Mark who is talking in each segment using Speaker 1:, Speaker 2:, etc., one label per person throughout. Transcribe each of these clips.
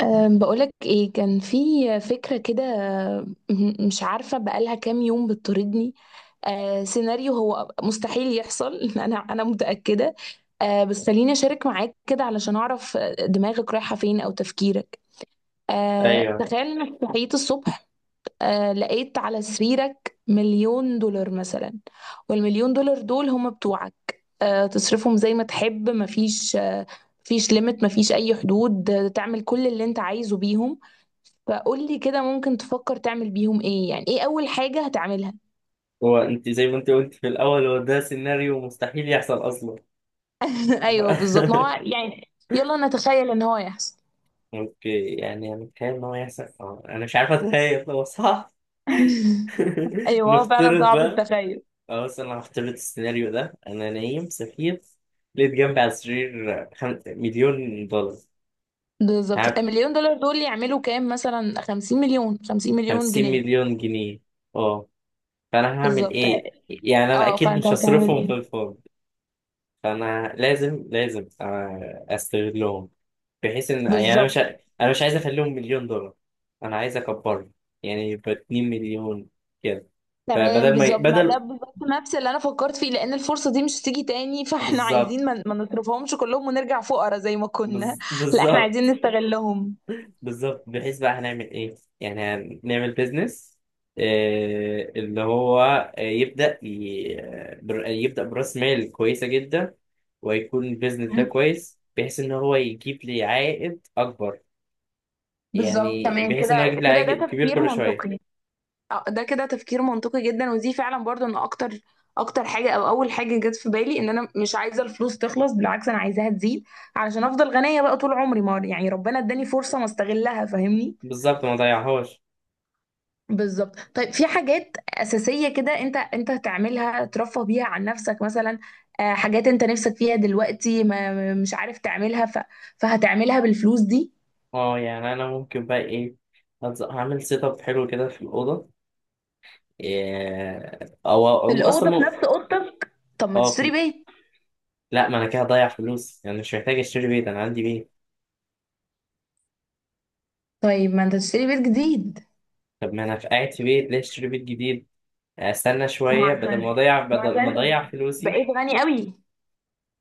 Speaker 1: بقولك ايه، كان في فكرة كده. مش عارفة بقالها كام يوم بتطاردني. سيناريو هو مستحيل يحصل. انا متأكدة. بس خليني اشارك معاك كده علشان اعرف دماغك رايحة فين او تفكيرك.
Speaker 2: ايوه.
Speaker 1: تخيل انك صحيت الصبح. لقيت على سريرك مليون دولار مثلا، والمليون دولار دول هم بتوعك. تصرفهم زي ما تحب، مفيش مفيش ليميت، مفيش اي حدود، تعمل كل اللي انت عايزه بيهم. فقول لي كده، ممكن تفكر تعمل بيهم ايه؟ يعني ايه اول حاجة هتعملها؟
Speaker 2: هو انت زي ما انت قلت في الاول، هو ده سيناريو مستحيل يحصل اصلا.
Speaker 1: ايوه بالظبط، ما هو يعني. يلا نتخيل ان هو يحصل.
Speaker 2: اوكي، يعني انا متخيل ان هو يحصل. انا مش عارف اتخيل، هو صح؟
Speaker 1: ايوه، هو فعلا
Speaker 2: نفترض
Speaker 1: صعب
Speaker 2: بقى.
Speaker 1: التخيل.
Speaker 2: اه بس انا هفترض السيناريو ده. انا نايم سفير، لقيت جنبي على السرير مليون دولار.
Speaker 1: بالظبط،
Speaker 2: عارف؟
Speaker 1: المليون دولار دول يعملوا كام مثلا؟ 50 مليون، 50 مليون
Speaker 2: خمسين
Speaker 1: جنيه.
Speaker 2: مليون جنيه اه. فانا هعمل
Speaker 1: بالظبط.
Speaker 2: ايه؟ يعني انا
Speaker 1: اه
Speaker 2: اكيد
Speaker 1: فانت
Speaker 2: مش
Speaker 1: هتعمل
Speaker 2: هصرفهم في
Speaker 1: ايه؟
Speaker 2: الفاضي. فانا لازم لازم استغلهم، بحيث ان يعني
Speaker 1: بالظبط،
Speaker 2: انا مش عايز اخليهم مليون دولار، انا عايز اكبرهم، يعني يبقى 2 مليون كده.
Speaker 1: تمام.
Speaker 2: فبدل ما ي...
Speaker 1: بالظبط، ما ده
Speaker 2: بدل
Speaker 1: بالظبط نفس اللي انا فكرت فيه، لان الفرصة دي مش هتيجي تاني، فاحنا
Speaker 2: بالظبط.
Speaker 1: عايزين ما نصرفهمش كلهم ونرجع فقراء زي ما كنا. لا، احنا عايزين
Speaker 2: بالظبط.
Speaker 1: نستغلهم.
Speaker 2: بالظبط، بحيث بقى هنعمل ايه؟ يعني هنعمل بيزنس، اللي هو يبدأ يبدأ برأس مال كويسة جدا، ويكون البيزنس ده كويس بحيث ان هو يجيب لي عائد اكبر.
Speaker 1: بالظبط،
Speaker 2: يعني
Speaker 1: تمام
Speaker 2: بحيث
Speaker 1: كده.
Speaker 2: ان هو يجيب لي
Speaker 1: كده ده
Speaker 2: عائد كبير
Speaker 1: تفكير
Speaker 2: كل شوية.
Speaker 1: منطقي. ده كده تفكير منطقي جدا، ودي فعلا برضو انا اكتر حاجه او اول حاجه جت في بالي، ان انا مش عايزه الفلوس تخلص، بالعكس انا عايزاها تزيد، علشان افضل غنيه بقى طول عمري. ما يعني ربنا اداني فرصه ما استغلها، فاهمني؟
Speaker 2: بالظبط، ما ضيعهاش.
Speaker 1: بالظبط. طيب في حاجات اساسيه كده انت هتعملها ترفه بيها عن نفسك مثلا؟ حاجات انت نفسك فيها دلوقتي مش عارف تعملها، فهتعملها بالفلوس دي.
Speaker 2: اه يعني انا ممكن بقى ايه؟ هعمل سيت اب حلو كده في الاوضه. إيه، او
Speaker 1: في
Speaker 2: أو اصلا
Speaker 1: الاوضه، في نفس اوضتك. طب ما
Speaker 2: اه
Speaker 1: تشتري
Speaker 2: في...
Speaker 1: بيت.
Speaker 2: لا، ما انا كده هضيع فلوس. يعني مش محتاج اشتري بيت، انا عندي بيت.
Speaker 1: طيب ما انت تشتري بيت جديد.
Speaker 2: طب ما انا في قاعد في بيت، ليه اشتري بيت جديد؟ استنى
Speaker 1: ما
Speaker 2: شويه.
Speaker 1: عشان ما عشان
Speaker 2: بدل ما اضيع
Speaker 1: انت
Speaker 2: فلوسي.
Speaker 1: بقيت غني قوي.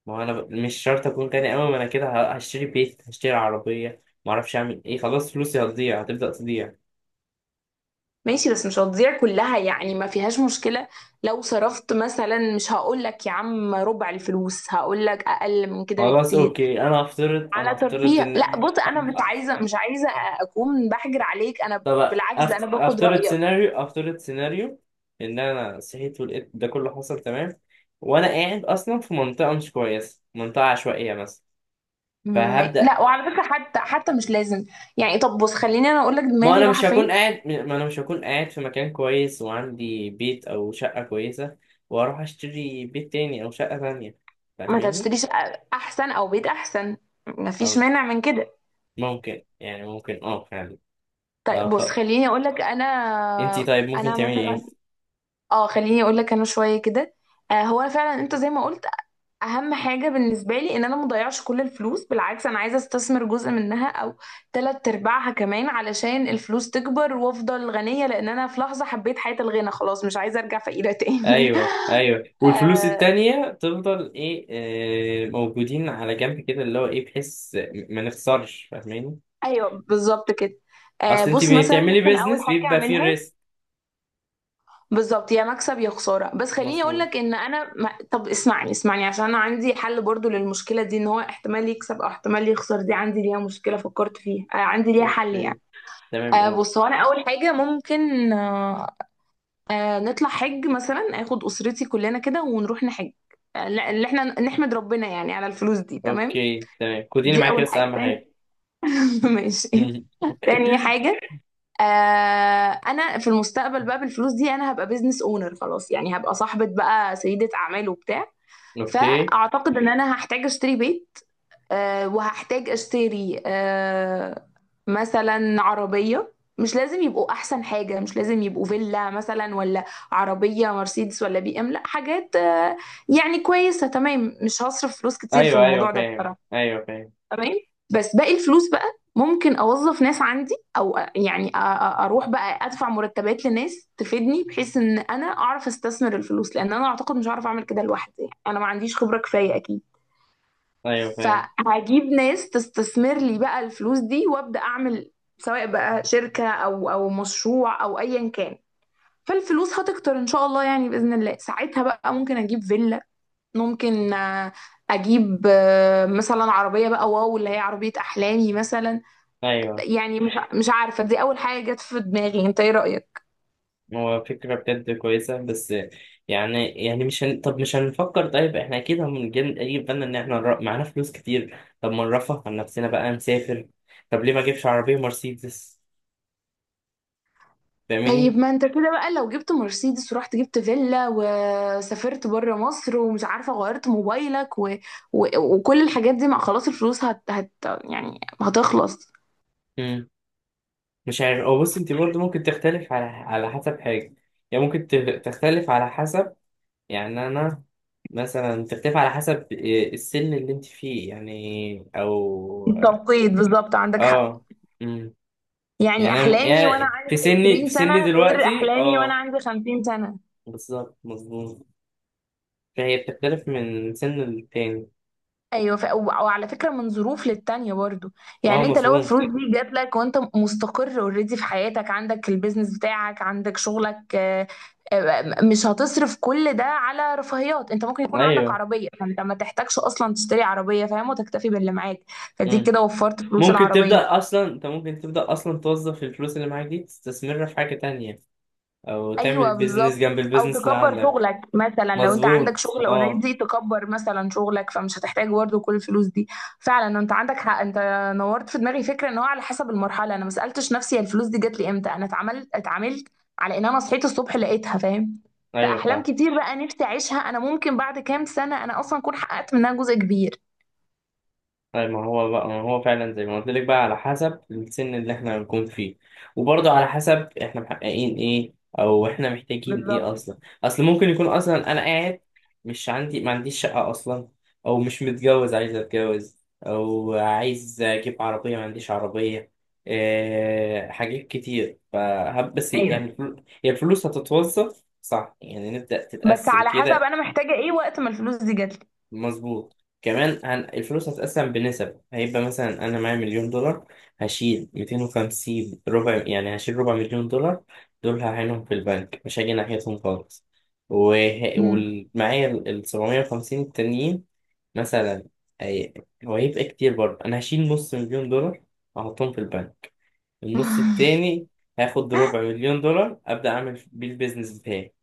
Speaker 2: ما هو انا مش شرط اكون غني قوي. ما انا كده هشتري بيت، هشتري عربيه، ما اعرفش اعمل ايه، خلاص فلوسي هتضيع، هتبدا تضيع.
Speaker 1: ماشي، بس مش هتضيع كلها يعني، ما فيهاش مشكلة. لو صرفت مثلا، مش هقول لك يا عم ربع الفلوس، هقول لك اقل من كده
Speaker 2: خلاص
Speaker 1: بكتير،
Speaker 2: اوكي. انا
Speaker 1: على
Speaker 2: هفترض
Speaker 1: ترفيه. لا
Speaker 2: ان.
Speaker 1: بص، انا مش عايزة اكون بحجر عليك، انا
Speaker 2: طب
Speaker 1: بالعكس، ده انا باخد رأيك.
Speaker 2: افترض سيناريو، ان انا صحيت ولقيت ده كله حصل، تمام؟ وانا قاعد اصلا في منطقه مش كويسه، منطقه عشوائيه مثلا، فهبدا.
Speaker 1: لا وعلى فكرة، حتى مش لازم يعني. طب بص، خليني انا اقول لك دماغي رايحة فين.
Speaker 2: ما انا مش هكون قاعد في مكان كويس وعندي بيت او شقه كويسه، واروح اشتري بيت تاني او شقه تانية،
Speaker 1: ما انت
Speaker 2: فاهماني؟
Speaker 1: هتشتري شقة احسن او بيت احسن، ما فيش
Speaker 2: أم-
Speaker 1: مانع من كده.
Speaker 2: ممكن، يعني ممكن، فعلا. اه
Speaker 1: طيب
Speaker 2: ف...
Speaker 1: بص، خليني اقول لك انا،
Speaker 2: انتي طيب ممكن
Speaker 1: انا
Speaker 2: تعملي
Speaker 1: مثلا.
Speaker 2: ايه؟
Speaker 1: اه خليني اقول لك انا شويه كده. هو أنا فعلا، انت زي ما قلت، اهم حاجه بالنسبه لي ان انا مضيعش كل الفلوس، بالعكس انا عايزه استثمر جزء منها او تلات ارباعها كمان، علشان الفلوس تكبر وافضل غنيه، لان انا في لحظه حبيت حياه الغنى، خلاص مش عايزه ارجع فقيره تاني.
Speaker 2: ايوه، ايوه. والفلوس
Speaker 1: آه.
Speaker 2: التانية تفضل ايه؟ موجودين على جنب كده، اللي هو ايه، بحيث ما نخسرش، فاهماني؟
Speaker 1: ايوه بالظبط كده.
Speaker 2: اصل انت
Speaker 1: بص، مثلا
Speaker 2: بتعملي
Speaker 1: ممكن اول
Speaker 2: بيزنس
Speaker 1: حاجه
Speaker 2: بيبقى فيه
Speaker 1: اعملها،
Speaker 2: ريسك.
Speaker 1: بالظبط يا مكسب يا خساره. بس خليني اقول
Speaker 2: مظبوط.
Speaker 1: لك ان انا ما... طب اسمعني، اسمعني، عشان انا عندي حل برضو للمشكله دي، ان هو احتمال يكسب او احتمال يخسر، دي عندي ليها مشكله فكرت فيها، عندي ليها حل يعني.
Speaker 2: اوكي تمام، قول.
Speaker 1: بص هو، انا اول حاجه ممكن، نطلع حج مثلا، اخد اسرتي كلنا كده ونروح نحج. لا اللي احنا نحمد ربنا يعني على الفلوس دي، تمام.
Speaker 2: اوكي تمام، خديني
Speaker 1: دي
Speaker 2: معاكي
Speaker 1: اول
Speaker 2: بس،
Speaker 1: حاجه.
Speaker 2: اهم
Speaker 1: تاني؟
Speaker 2: حاجة.
Speaker 1: ماشي. تاني حاجه، آه انا في المستقبل بقى بالفلوس دي انا هبقى بيزنس اونر خلاص، يعني هبقى صاحبة بقى، سيدة اعمال وبتاع.
Speaker 2: اوكي.
Speaker 1: فاعتقد ان انا هحتاج اشتري بيت، وهحتاج اشتري، مثلا عربية. مش لازم يبقوا احسن حاجة، مش لازم يبقوا فيلا مثلا، ولا عربية مرسيدس ولا بي ام، لا، حاجات يعني كويسة، تمام. مش هصرف فلوس كتير في
Speaker 2: ايوه ايوه
Speaker 1: الموضوع ده
Speaker 2: فاهم.
Speaker 1: بصراحة.
Speaker 2: ايوه فاهم.
Speaker 1: تمام. بس باقي الفلوس بقى، ممكن اوظف ناس عندي، او يعني اروح بقى ادفع مرتبات لناس تفيدني، بحيث ان انا اعرف استثمر الفلوس، لان انا اعتقد مش هعرف اعمل كده لوحدي يعني، انا ما عنديش خبرة كفاية اكيد.
Speaker 2: ايوه فاهم.
Speaker 1: فهجيب ناس تستثمر لي بقى الفلوس دي، وابدا اعمل سواء بقى شركة، او مشروع، او ايا كان. فالفلوس هتكتر ان شاء الله يعني، باذن الله ساعتها بقى ممكن اجيب فيلا، ممكن اجيب مثلا عربيه بقى، واو، اللي هي عربيه احلامي مثلا.
Speaker 2: ايوه.
Speaker 1: يعني مش عارفه، دي اول حاجه جت في دماغي. انت ايه رايك؟
Speaker 2: هو فكرة بجد كويسة، بس يعني مش هن... طب مش هنفكر طيب، احنا اكيد هنجيب، يجي في بالنا ان احنا معانا فلوس كتير، طب ما نرفه عن نفسنا بقى، نسافر، طب ليه ما اجيبش عربية مرسيدس؟ فاهماني؟
Speaker 1: طيب ما انت كده بقى لو جبت مرسيدس، ورحت جبت فيلا، وسافرت بره مصر، ومش عارفه غيرت موبايلك، و... و... وكل الحاجات دي، مع خلاص الفلوس يعني هتخلص.
Speaker 2: مم. مش عارف. او بص، انت برضه ممكن تختلف على حسب حاجة. يعني ممكن تختلف على حسب، يعني انا مثلا، تختلف على حسب إيه السن اللي انت فيه، يعني او.
Speaker 1: التوقيت، بالظبط عندك حق.
Speaker 2: اه. مم.
Speaker 1: يعني
Speaker 2: يعني انا
Speaker 1: احلامي وانا
Speaker 2: يعني في
Speaker 1: عندي
Speaker 2: سني،
Speaker 1: 20 سنه، غير
Speaker 2: دلوقتي،
Speaker 1: احلامي وانا عندي 50 سنه.
Speaker 2: بالظبط، مظبوم. فهي بتختلف من سن للتاني.
Speaker 1: ايوه، ف... و- وعلى فكره من ظروف للتانيه برضو.
Speaker 2: اه
Speaker 1: يعني انت لو
Speaker 2: مظبوم.
Speaker 1: الفلوس دي جات لك وانت مستقر اوريدي في حياتك، عندك البيزنس بتاعك، عندك شغلك، مش هتصرف كل ده على رفاهيات، انت ممكن يكون عندك
Speaker 2: ايوه.
Speaker 1: عربيه، فانت ما تحتاجش اصلا تشتري عربيه فاهم، وتكتفي باللي معاك. فدي
Speaker 2: مم.
Speaker 1: كده وفرت فلوس
Speaker 2: ممكن
Speaker 1: العربيه.
Speaker 2: تبدأ اصلا. توظف الفلوس اللي معاك دي، تستثمرها في حاجة تانية، او تعمل
Speaker 1: ايوه،
Speaker 2: بيزنس
Speaker 1: بالظبط.
Speaker 2: جنب
Speaker 1: او
Speaker 2: البيزنس اللي
Speaker 1: تكبر
Speaker 2: عندك.
Speaker 1: شغلك مثلا، لو انت عندك
Speaker 2: مظبوط،
Speaker 1: شغل
Speaker 2: اه.
Speaker 1: اوريدي تكبر مثلا شغلك، فمش هتحتاج برضه كل الفلوس دي. فعلا انت عندك حق. انت نورت في دماغي فكره، ان هو على حسب المرحله. انا ما سالتش نفسي هي الفلوس دي جات لي امتى، انا اتعاملت على ان انا صحيت الصبح لقيتها، فاهم؟
Speaker 2: ايوه
Speaker 1: فاحلام
Speaker 2: فاهم.
Speaker 1: كتير بقى نفسي اعيشها، انا ممكن بعد كام سنه انا اصلا اكون حققت منها جزء كبير.
Speaker 2: طيب ما هو بقى، ما هو فعلا زي ما قلت لك، بقى على حسب السن اللي احنا هنكون فيه، وبرضه على حسب احنا محققين ايه، او احنا محتاجين
Speaker 1: بالظبط.
Speaker 2: ايه اصلا. اصل ممكن يكون اصلا انا قاعد مش ما عنديش شقة اصلا، او مش متجوز عايز اتجوز، او عايز اجيب عربية ما عنديش عربية. إيه، حاجات كتير. فهب بس يعني
Speaker 1: ايوه،
Speaker 2: هي الفلوس هتتوظف صح، يعني نبدأ
Speaker 1: بس
Speaker 2: تتقسم
Speaker 1: على حسب
Speaker 2: كده.
Speaker 1: انا محتاجه ايه وقت ما الفلوس دي جات لي.
Speaker 2: مظبوط. كمان الفلوس هتتقسم بنسب. هيبقى مثلا انا معايا مليون دولار، هشيل 250، ربع يعني، هشيل ربع مليون دولار، دول هعينهم في البنك، مش هاجي ناحيتهم خالص. وه...
Speaker 1: مم.
Speaker 2: ومعايا ال 750 التانيين مثلا. هي... هو هيبقى كتير برضه. انا هشيل نص مليون دولار احطهم في البنك، النص التاني هاخد ربع مليون دولار ابدا اعمل بيه البيزنس بتاعي،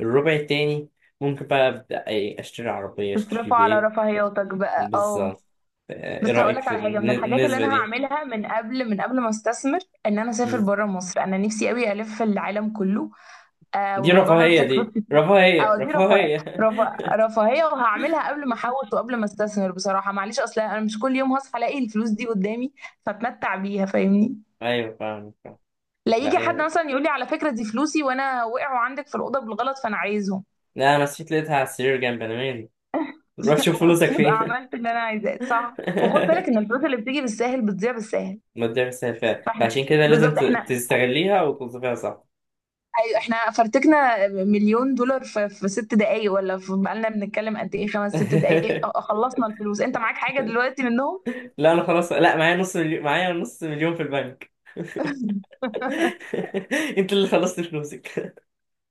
Speaker 2: الربع التاني ممكن بقى ابدا اشتري عربيه، اشتري
Speaker 1: تصرفوا على
Speaker 2: بيت.
Speaker 1: رفاهياتك بقى، اه.
Speaker 2: بالظبط. ايه
Speaker 1: بس
Speaker 2: رأيك
Speaker 1: هقولك
Speaker 2: في
Speaker 1: على حاجه من الحاجات اللي
Speaker 2: النسبة
Speaker 1: انا
Speaker 2: دي؟
Speaker 1: هعملها، من قبل ما استثمر، ان انا اسافر
Speaker 2: مم.
Speaker 1: بره مصر. انا نفسي قوي الف العالم كله.
Speaker 2: دي
Speaker 1: والموضوع ده
Speaker 2: رفاهية،
Speaker 1: محتاج فلوس
Speaker 2: دي
Speaker 1: كتير.
Speaker 2: رفاهية،
Speaker 1: اه دي رفاهيه،
Speaker 2: رفاهية.
Speaker 1: رفاهيه، وهعملها قبل ما احوش وقبل ما استثمر بصراحه، معلش اصل انا مش كل يوم هصحى الاقي الفلوس دي قدامي، فاتمتع بيها، فاهمني؟
Speaker 2: ايوه فاهم. فاهم.
Speaker 1: لا
Speaker 2: لا
Speaker 1: يجي حد
Speaker 2: ايه،
Speaker 1: مثلا يقول لي على فكره دي فلوسي وانا وقعوا عندك في الاوضه بالغلط فانا عايزهم.
Speaker 2: لا انا نسيت، لقيتها على السرير جنب، انا مالي، روح شوف فلوسك
Speaker 1: فبقى
Speaker 2: فين.
Speaker 1: عملت اللي انا عايزاه، صح؟ وخد بالك ان الفلوس اللي بتيجي بالساهل بتضيع بالساهل.
Speaker 2: ما تضيعش فيها،
Speaker 1: فاحنا
Speaker 2: فعشان كده لازم
Speaker 1: بالظبط، احنا،
Speaker 2: تستغليها وتوظفيها صح.
Speaker 1: ايوه احنا فرتكنا مليون دولار في ست دقايق، ولا في، بقالنا بنتكلم قد ايه، خمس ست دقايق، خلصنا الفلوس. انت معاك حاجة دلوقتي منهم؟
Speaker 2: لا انا خلاص، لا معايا نص مليون، في البنك. انت اللي خلصت فلوسك.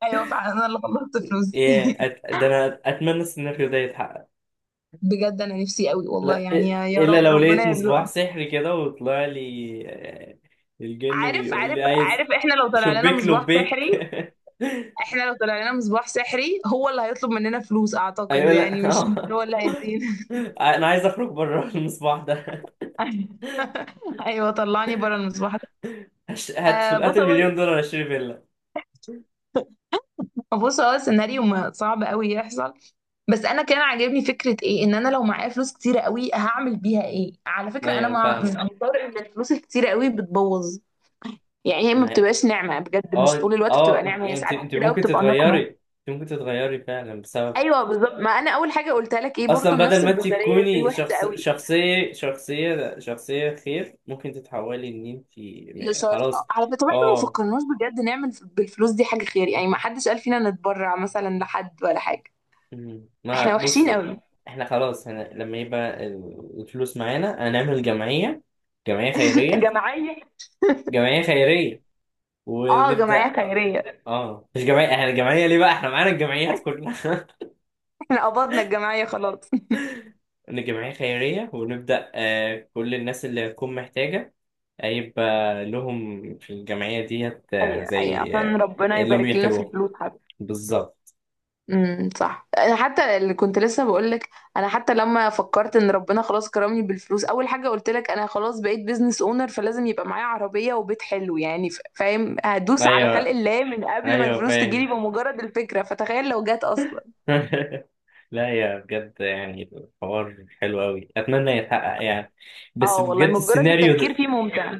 Speaker 1: ايوه فعلا، انا اللي خلصت فلوس دي.
Speaker 2: ده انا اتمنى السيناريو ده يتحقق.
Speaker 1: بجد انا نفسي قوي والله
Speaker 2: لا،
Speaker 1: يعني، يا يا
Speaker 2: الا
Speaker 1: رب
Speaker 2: لو لقيت
Speaker 1: ربنا
Speaker 2: مصباح
Speaker 1: يرزقنا.
Speaker 2: سحري كده وطلع لي، الجن
Speaker 1: عارف،
Speaker 2: بيقول
Speaker 1: عارف،
Speaker 2: لي عايز،
Speaker 1: عارف، احنا لو طلع لنا
Speaker 2: شبيك
Speaker 1: مصباح
Speaker 2: لبيك.
Speaker 1: سحري، احنا لو طلع لنا مصباح سحري، هو اللي هيطلب مننا فلوس اعتقد
Speaker 2: ايوه.
Speaker 1: يعني،
Speaker 2: لا
Speaker 1: مش
Speaker 2: آه.
Speaker 1: هو اللي هيدينا.
Speaker 2: انا عايز اخرج بره المصباح ده.
Speaker 1: ايوه، طلعني بره المصباح. آه
Speaker 2: هات
Speaker 1: بص هو
Speaker 2: المليون دولار اشتري فيلا.
Speaker 1: بص هو السيناريو صعب قوي يحصل. بس انا كان عاجبني فكره ايه، ان انا لو معايا فلوس كتيره قوي هعمل بيها ايه. على فكره انا
Speaker 2: ايوه
Speaker 1: مع، من
Speaker 2: فاهمه.
Speaker 1: انصار ان الفلوس الكتيره قوي بتبوظ، يعني هي ما
Speaker 2: ما هي-
Speaker 1: بتبقاش نعمه بجد، مش طول الوقت
Speaker 2: اه
Speaker 1: بتبقى
Speaker 2: انت
Speaker 1: نعمه، هي
Speaker 2: يعني
Speaker 1: ساعات
Speaker 2: انت
Speaker 1: كتير قوي
Speaker 2: ممكن
Speaker 1: بتبقى
Speaker 2: تتغيري.
Speaker 1: نقمه.
Speaker 2: فعلا بسبب
Speaker 1: ايوه بالظبط، ما انا اول حاجه قلتها لك، ايه
Speaker 2: اصلا،
Speaker 1: برضو النفس
Speaker 2: بدل ما انت
Speaker 1: البشريه دي
Speaker 2: تكوني
Speaker 1: وحشه قوي.
Speaker 2: شخصيه خير، ممكن تتحولي ان انت
Speaker 1: لشرط،
Speaker 2: خلاص.
Speaker 1: على فكره، طب احنا ما
Speaker 2: اه.
Speaker 1: فكرناش بجد نعمل بالفلوس دي حاجه خير يعني، ما حدش قال فينا نتبرع مثلا لحد ولا حاجه.
Speaker 2: مم. ما
Speaker 1: احنا وحشين
Speaker 2: بصي،
Speaker 1: قوي.
Speaker 2: احنا خلاص هنا لما يبقى الفلوس معانا هنعمل جمعيه خيريه.
Speaker 1: جمعيه.
Speaker 2: جمعيه خيريه
Speaker 1: اه جمعيه
Speaker 2: ونبدا.
Speaker 1: خيريه.
Speaker 2: اه مش جمعيه، احنا الجمعيه ليه بقى، احنا معانا الجمعيات كلها.
Speaker 1: احنا قبضنا الجمعية خلاص.
Speaker 2: ان الجمعيه خيريه، ونبدا كل الناس اللي هتكون محتاجه هيبقى لهم في الجمعيه ديت،
Speaker 1: ايوه، ايوه،
Speaker 2: زي
Speaker 1: عشان ربنا
Speaker 2: اللي هم
Speaker 1: يبارك لنا في
Speaker 2: بيحتاجوه.
Speaker 1: الفلوس حتى.
Speaker 2: بالظبط.
Speaker 1: صح، انا حتى اللي كنت لسه بقولك، انا حتى لما فكرت ان ربنا خلاص كرمني بالفلوس، اول حاجة قلت لك انا خلاص بقيت بيزنس اونر، فلازم يبقى معايا عربية وبيت حلو يعني. فاهم؟ هدوس على خلق
Speaker 2: ايوه
Speaker 1: الله من قبل ما
Speaker 2: ايوه
Speaker 1: الفلوس تجيلي،
Speaker 2: فاهم.
Speaker 1: بمجرد الفكرة، فتخيل لو جت اصلا.
Speaker 2: لا يا بجد، يعني الحوار حلو قوي، اتمنى يتحقق يعني. بس
Speaker 1: اه والله
Speaker 2: بجد
Speaker 1: مجرد
Speaker 2: السيناريو
Speaker 1: التفكير
Speaker 2: ده
Speaker 1: فيه ممتع.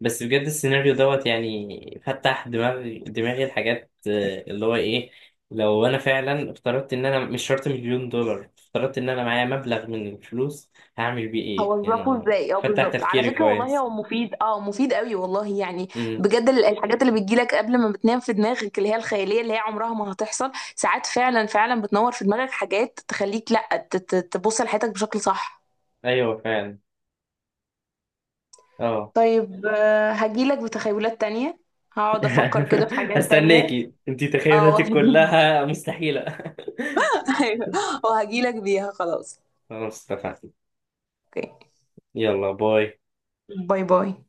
Speaker 2: بس بجد السيناريو دوت يعني فتح دماغي، الحاجات اللي هو ايه، لو انا فعلا افترضت ان انا مش شرط مليون دولار، افترضت ان انا معايا مبلغ من الفلوس، هعمل بيه ايه
Speaker 1: هوظفه
Speaker 2: يعني.
Speaker 1: ازاي؟ اه
Speaker 2: فتح
Speaker 1: بالظبط. على
Speaker 2: تفكيري
Speaker 1: فكره والله
Speaker 2: كويس.
Speaker 1: هو مفيد، اه مفيد قوي والله يعني.
Speaker 2: امم
Speaker 1: بجد الحاجات اللي بتجيلك قبل ما بتنام في دماغك، اللي هي الخياليه، اللي هي عمرها ما هتحصل، ساعات فعلا بتنور في دماغك حاجات، تخليك لا تبص لحياتك بشكل صح.
Speaker 2: ايوه فعلا، اه.
Speaker 1: طيب، هجيلك بتخيلات تانية، هقعد افكر كده في حاجات تانية.
Speaker 2: هستناكي، انتي
Speaker 1: اه
Speaker 2: تخيلاتك
Speaker 1: وهجي.
Speaker 2: كلها مستحيلة.
Speaker 1: ايوه، وهجيلك بيها خلاص.
Speaker 2: خلاص، اتفقنا.
Speaker 1: اوكي.
Speaker 2: يلا باي.
Speaker 1: باي باي.